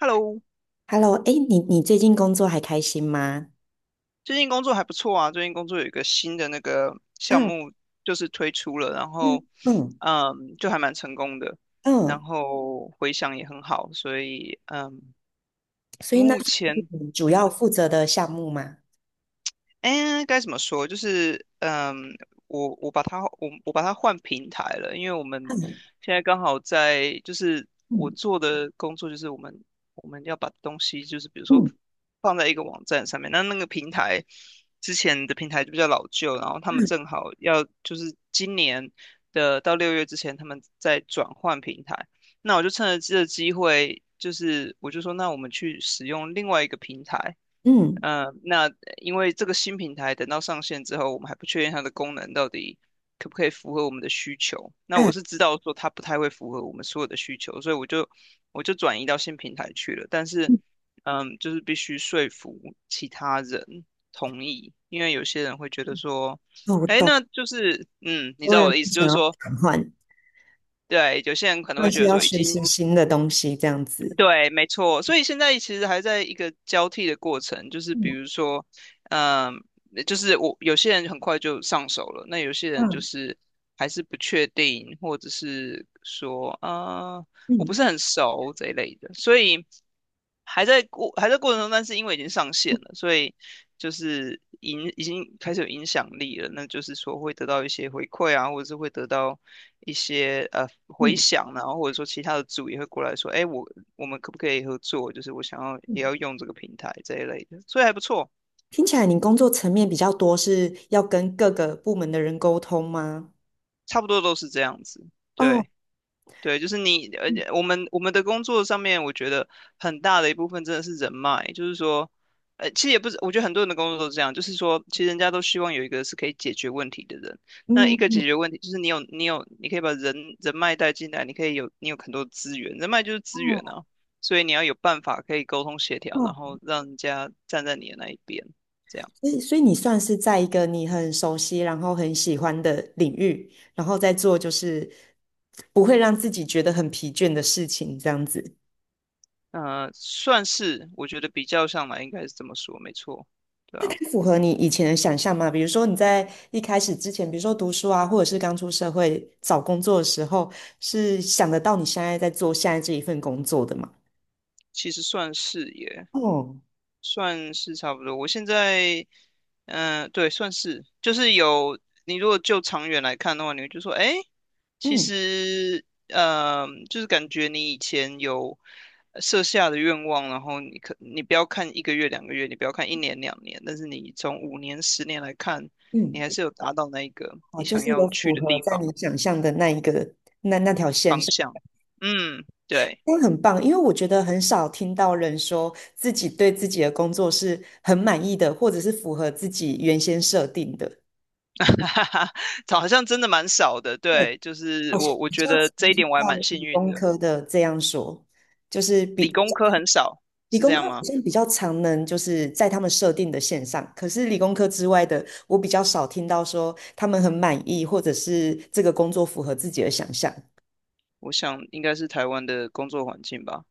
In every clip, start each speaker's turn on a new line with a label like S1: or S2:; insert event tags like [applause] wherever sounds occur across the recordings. S1: Hello，
S2: Hello，哎，你最近工作还开心吗？
S1: 最近工作还不错啊。最近工作有一个新的那个项
S2: 嗯
S1: 目，就是推出了，然后，
S2: 嗯嗯
S1: 就还蛮成功的，然
S2: 嗯，
S1: 后回响也很好，所以，
S2: 所以那
S1: 目
S2: 是
S1: 前，
S2: 你主要
S1: 嗯，
S2: 负责的项目吗？
S1: 哎，该怎么说？就是，我把它换平台了，因为我们
S2: 嗯
S1: 现在刚好在，就是我
S2: 嗯
S1: 做的工作就是我们要把东西，就是比如说
S2: 嗯
S1: 放在一个网站上面，那那个平台之前的平台就比较老旧，然后他们正好要就是今年的到六月之前，他们在转换平台，那我就趁着这个机会，就是我就说，那我们去使用另外一个平台。
S2: 嗯
S1: 那因为这个新平台等到上线之后，我们还不确定它的功能到底可不可以符合我们的需求。那
S2: 嗯
S1: 我
S2: 啊
S1: 是知道说它不太会符合我们所有的需求，所以我就转移到新平台去了。但是，
S2: 嗯，
S1: 就是必须说服其他人同意，因为有些人会觉得说，
S2: 哦，我
S1: 哎，
S2: 懂，很
S1: 那就是，你知
S2: 多
S1: 道我
S2: 人
S1: 的意
S2: 不
S1: 思，就
S2: 想
S1: 是
S2: 要
S1: 说，
S2: 转换，
S1: 对，有些人可能会
S2: 但
S1: 觉
S2: 是
S1: 得
S2: 要
S1: 说，已
S2: 学
S1: 经
S2: 习新的东西，这样子。
S1: 对，没错，所以现在其实还在一个交替的过程，就是比如
S2: 嗯
S1: 说，嗯，就是我有些人很快就上手了，那有些人就
S2: 嗯
S1: 是还是不确定，或者是说，我不
S2: 嗯
S1: 是很熟这一类的，所以还在过程中，但是因为已经上线
S2: 嗯
S1: 了，所以就是已经开始有影响力了，那就是说会得到一些回馈啊，或者是会得到一些回
S2: 嗯，
S1: 响啊，然后或者说其他的组也会过来说，哎，我们可不可以合作？就是我想要也
S2: 嗯
S1: 要用这个平台这一类的，所以还不错，
S2: 听起来你工作层面比较多，是要跟各个部门的人沟通吗？
S1: 差不多都是这样子。
S2: 哦，
S1: 对对，就是你，而
S2: 嗯
S1: 且我们的工作上面，我觉得很大的一部分真的是人脉，就是说，其实也不是，我觉得很多人的工作都是这样，就是说，其实人家都希望有一个是可以解决问题的人。那
S2: 嗯
S1: 一个解
S2: 嗯，
S1: 决问题，就是你有，你可以把人脉带进来，你有很多资源，人脉就是资源
S2: 哦。
S1: 啊，所以你要有办法可以沟通协调，然后让人家站在你的那一边，这样
S2: 所以，
S1: 子。
S2: 所以你算是在一个你很熟悉，然后很喜欢的领域，然后再做就是不会让自己觉得很疲倦的事情，这样子。
S1: 算是，我觉得比较上来应该是这么说，没错，对啊，
S2: 符合你以前的想象吗？比如说你在一开始之前，比如说读书啊，或者是刚出社会找工作的时候，是想得到你现在在做现在这一份工作的吗？
S1: 其实算是也
S2: 哦，
S1: 算是差不多。我现在，嗯、对，算是，就是有你如果就长远来看的话，你会就说，哎，其
S2: 嗯
S1: 实，就是感觉你以前有设下的愿望，然后你不要看1个月、2个月，你不要看一年、两年，但是你从5年、10年来看，你
S2: 嗯，
S1: 还是有达到那一个
S2: 哦，
S1: 你
S2: 就
S1: 想
S2: 是
S1: 要
S2: 有
S1: 去
S2: 符
S1: 的
S2: 合在你想象的那一个那条线
S1: 方
S2: 上。
S1: 向。嗯，对。
S2: 那很棒，因为我觉得很少听到人说自己对自己的工作是很满意的，或者是符合自己原先设定的。
S1: [laughs] 哈哈，好像真的蛮少的，
S2: 对，
S1: 对，就是
S2: 好像
S1: 我
S2: 比
S1: 觉
S2: 较
S1: 得这
S2: 常
S1: 一
S2: 听
S1: 点我还
S2: 到
S1: 蛮幸
S2: 理
S1: 运
S2: 工
S1: 的，
S2: 科的这样说，就是
S1: 理
S2: 比
S1: 工科很少，
S2: 理
S1: 是这
S2: 工科
S1: 样
S2: 好
S1: 吗？
S2: 像比较常能就是在他们设定的线上，可是理工科之外的，我比较少听到说他们很满意，或者是这个工作符合自己的想象。
S1: 我想应该是台湾的工作环境吧，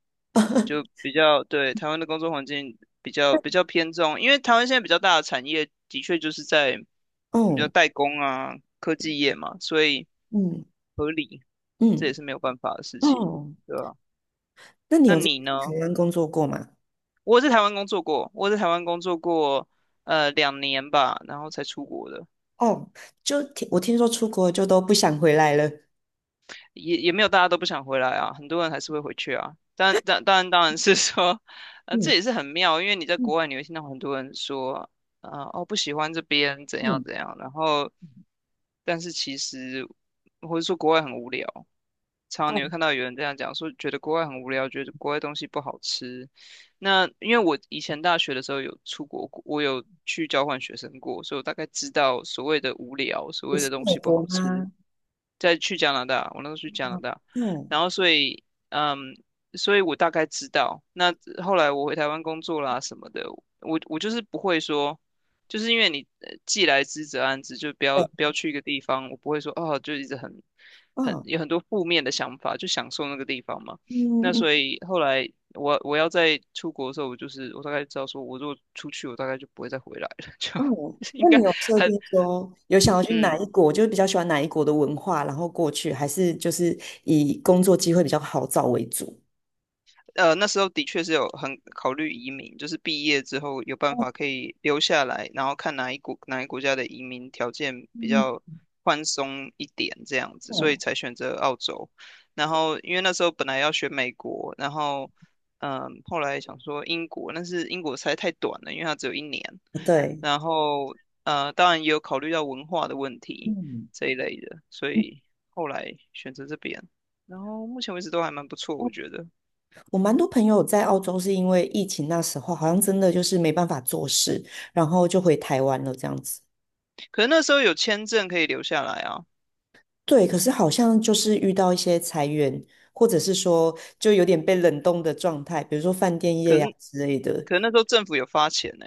S1: 就
S2: [laughs]
S1: 比较，对，台湾的工作环境比较偏重，因为台湾现在比较大的产业的确就是在你比较
S2: 哦，
S1: 代工啊、科技业嘛，所以
S2: 嗯
S1: 合理，这也
S2: 嗯
S1: 是没有办法的事
S2: 嗯，
S1: 情，
S2: 哦，
S1: 对吧？
S2: 那你
S1: 那
S2: 有在
S1: 你呢？
S2: 台湾工作过吗？
S1: 我在台湾工作过，两年吧，然后才出国的。
S2: 哦，就听我听说出国就都不想回来了。
S1: 也没有大家都不想回来啊，很多人还是会回去啊。当然是说，这
S2: 嗯
S1: 也是很妙，因为你在
S2: 嗯
S1: 国外你会听到很多人说，哦不喜欢这边怎样
S2: 嗯，
S1: 怎样，然后但是其实或者说国外很无聊，常你
S2: 哦，
S1: 会看到有人这样讲说，觉得国外很无聊，觉得国外东西不好吃。那因为我以前大学的时候有出国过我有去交换学生过，所以我大概知道所谓的无聊，所
S2: 也
S1: 谓的
S2: 是
S1: 东
S2: 美
S1: 西不
S2: 国
S1: 好吃。
S2: 吗？
S1: 再去加拿大，我那时候去加拿
S2: 哦，
S1: 大，
S2: 哦，
S1: 然后所以，嗯，所以我大概知道。那后来我回台湾工作啦什么的，我就是不会说。就是因为你既来之则安之，就
S2: 对，
S1: 不要去一个地方，我不会说哦，就一直很很
S2: 哦，
S1: 有很多负面的想法，就享受那个地方嘛。
S2: 嗯
S1: 那所以后来我要在出国的时候，我就是我大概知道说，我如果出去，我大概就不会再回来了，[laughs]
S2: 哦，
S1: 就应
S2: 那
S1: 该
S2: 你有设
S1: 很
S2: 定说有想要去哪
S1: 嗯。
S2: 一国，就是比较喜欢哪一国的文化，然后过去，还是就是以工作机会比较好找为主？
S1: 那时候的确是有很考虑移民，就是毕业之后有办
S2: 哦，
S1: 法可以留下来，然后看哪一国家的移民条件比
S2: 嗯
S1: 较宽松一点这样子，所以
S2: 哦，
S1: 才选择澳洲。然后因为那时候本来要选美国，然后后来想说英国，但是英国实在太短了，因为它只有一年。
S2: 对，
S1: 然后当然也有考虑到文化的问题
S2: 嗯。
S1: 这一类的，所
S2: 嗯
S1: 以后来选择这边。然后目前为止都还蛮不错，我
S2: 哦
S1: 觉得。
S2: 我蛮多朋友在澳洲是因为疫情那时候，好像真的就是没办法做事，然后就回台湾了这样子。
S1: 可是那时候有签证可以留下来啊，
S2: 对，可是好像就是遇到一些裁员，或者是说就有点被冷冻的状态，比如说饭店
S1: 可
S2: 业呀、
S1: 是
S2: 之类的。
S1: 可是那时候政府有发钱呢、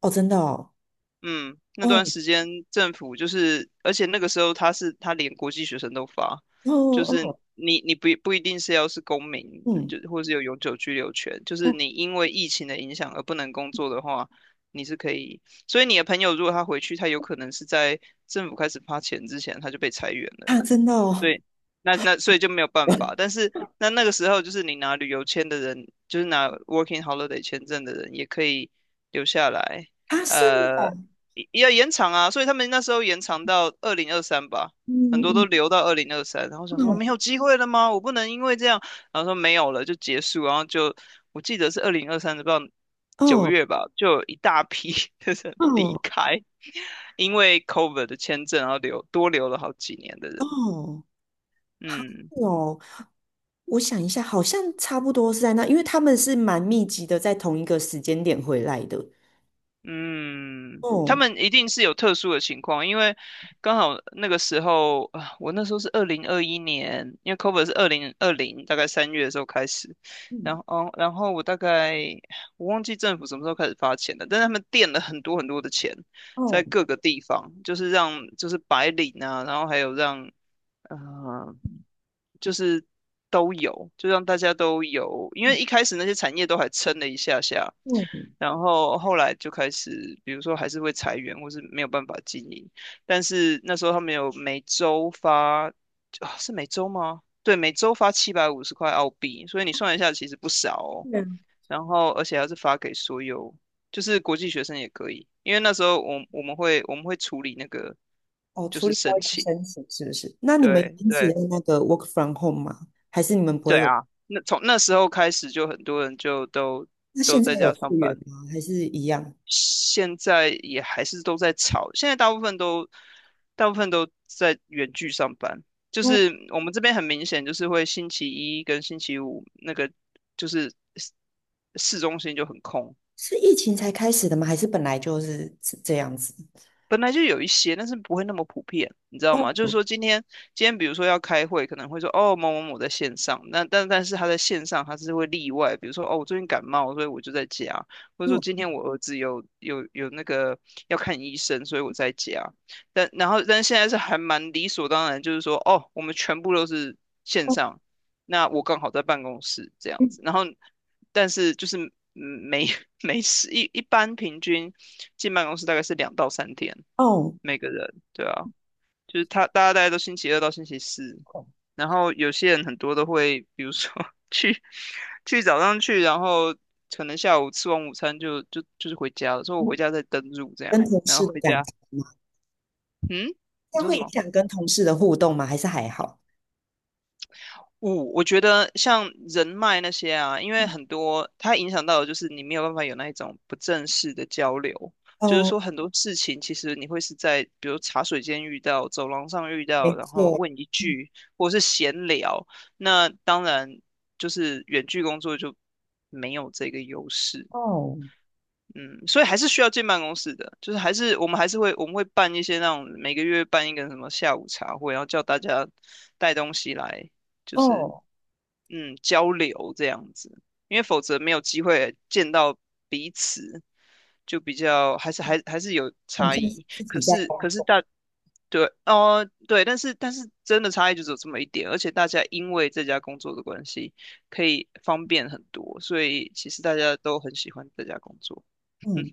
S2: 哦，真的哦，
S1: 嗯，那段
S2: 哦
S1: 时间政府就是，而且那个时候他连国际学生都发，
S2: 哦
S1: 就是
S2: 哦，
S1: 你不一定是要是公民，
S2: 嗯，
S1: 就或是有永久居留权，就是
S2: 哦，
S1: 你因为疫情的影响而不能工作的话，你是可以。所以你的朋友如果他回去，他有可能是在政府开始发钱之前他就被裁员了。
S2: 啊，真的哦，
S1: 对，那所以就没有办法。
S2: [laughs]
S1: 但是那个时候，就是你拿旅游签的人，就是拿 Working Holiday 签证的人，也可以留下来。
S2: 他是，
S1: 呃，也要延长啊，所以他们那时候延长到二零二三吧，很
S2: 嗯
S1: 多都
S2: 嗯
S1: 留到二零二三。然后想说
S2: 嗯，
S1: 没有机会了吗？我不能因为这样，然后说没有了就结束。然后就我记得是二零二三的，不知道九
S2: 哦
S1: 月吧，就有一大批 [laughs] 的人离
S2: 哦
S1: 开，因为 COVID 的签证，然后留多留了好几年的人。
S2: 哦，好
S1: 嗯
S2: 哦，我想一下，好像差不多是在那，因为他们是蛮密集的，在同一个时间点回来的。
S1: 嗯，他
S2: 哦，
S1: 们一定是有特殊的情况，因为刚好那个时候啊，我那时候是2021年，因为 COVER 是2020，大概3月的时候开始，然
S2: 嗯，
S1: 后然后我大概我忘记政府什么时候开始发钱了，但是他们垫了很多很多的钱在
S2: 哦，
S1: 各个地方，就是让就是白领啊，然后还有让。呃就是都有，就让大家都有，因为一开始那些产业都还撑了一下下，
S2: 哦嗯，
S1: 然后后来就开始，比如说还是会裁员，或是没有办法经营。但是那时候他们有每周发，啊是每周吗？对，每周发750块澳币，所以你算一下，其实不少哦。然后而且还是发给所有，就是国际学生也可以，因为那时候我们会处理那个
S2: 哦，
S1: 就
S2: 处
S1: 是
S2: 理掉
S1: 申
S2: 一个
S1: 请，
S2: 申请是不是？那你们
S1: 对
S2: 因此
S1: 对。
S2: 用那个 work from home 吗？还是你们不
S1: 对
S2: 会有？
S1: 啊，那从那时候开始，就很多人就都
S2: 那
S1: 都
S2: 现
S1: 在
S2: 在有
S1: 家
S2: 复
S1: 上
S2: 原
S1: 班，
S2: 吗？还是一样？
S1: 现在也还是都在吵。现在大部分都在远距上班，就
S2: 哦，
S1: 是我们这边很明显，就是会星期一跟星期五那个就是市中心就很空，
S2: 是疫情才开始的吗？还是本来就是这样子？
S1: 本来就有一些，但是不会那么普遍，你知道吗？就是
S2: 哦
S1: 说今天比如说要开会，可能会说哦某某某在线上，那但是他在线上他是会例外，比如说哦我最近感冒，所以我就在家，或者说
S2: 哦
S1: 今天我儿子有那个要看医生，所以我在家。但然后但是现在是还蛮理所当然，就是说哦我们全部都是线
S2: 哦
S1: 上，那我刚好在办公室这样
S2: 嗯
S1: 子，然后但是就是嗯没 [laughs] 没事一般平均。进办公室大概是2到3天，
S2: 哦，
S1: 每个人，对啊，就是他大家大概都星期二到星期四，
S2: 哦
S1: 然后有些人很多都会，比如说 [laughs] 去去早上去，然后可能下午吃完午餐就是回家了，所以我回
S2: 嗯
S1: 家再登入这样，
S2: 跟同
S1: 然
S2: 事
S1: 后
S2: 的
S1: 回
S2: 感
S1: 家，
S2: 情吗？
S1: 嗯，
S2: 这
S1: 你
S2: 样
S1: 说
S2: 会
S1: 什
S2: 影
S1: 么？
S2: 响跟同事的互动吗？还是还好？
S1: 我觉得像人脉那些啊，因为
S2: 嗯
S1: 很多它影响到的就是你没有办法有那一种不正式的交流，就是
S2: 哦，
S1: 说很多事情其实你会是在比如茶水间遇到、走廊上遇到，
S2: 没
S1: 然后
S2: 错。
S1: 问一
S2: 嗯
S1: 句或是闲聊，那当然就是远距工作就没有这个优势。
S2: 哦
S1: 嗯，所以还是需要进办公室的，就是还是我们还是会我们会办一些那种每个月办一个什么下午茶会，然后叫大家带东西来，就是
S2: 哦，
S1: 交流这样子，因为否则没有机会见到彼此，就比较还是有
S2: 好像
S1: 差
S2: 是
S1: 异。
S2: 自
S1: 可
S2: 己在
S1: 是
S2: 工
S1: 可是
S2: 作。
S1: 大对哦对，但是真的差异就只有这么一点，而且大家因为这家工作的关系，可以方便很多，所以其实大家都很喜欢这家工作。
S2: 嗯，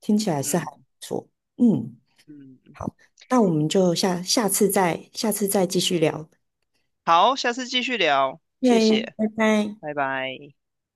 S2: 听起来是还
S1: 嗯
S2: 不错。嗯。
S1: 嗯，
S2: 好，那我们就下次再继续聊。
S1: 好，下次继续聊，谢
S2: 耶，
S1: 谢，
S2: 拜拜。
S1: 拜拜。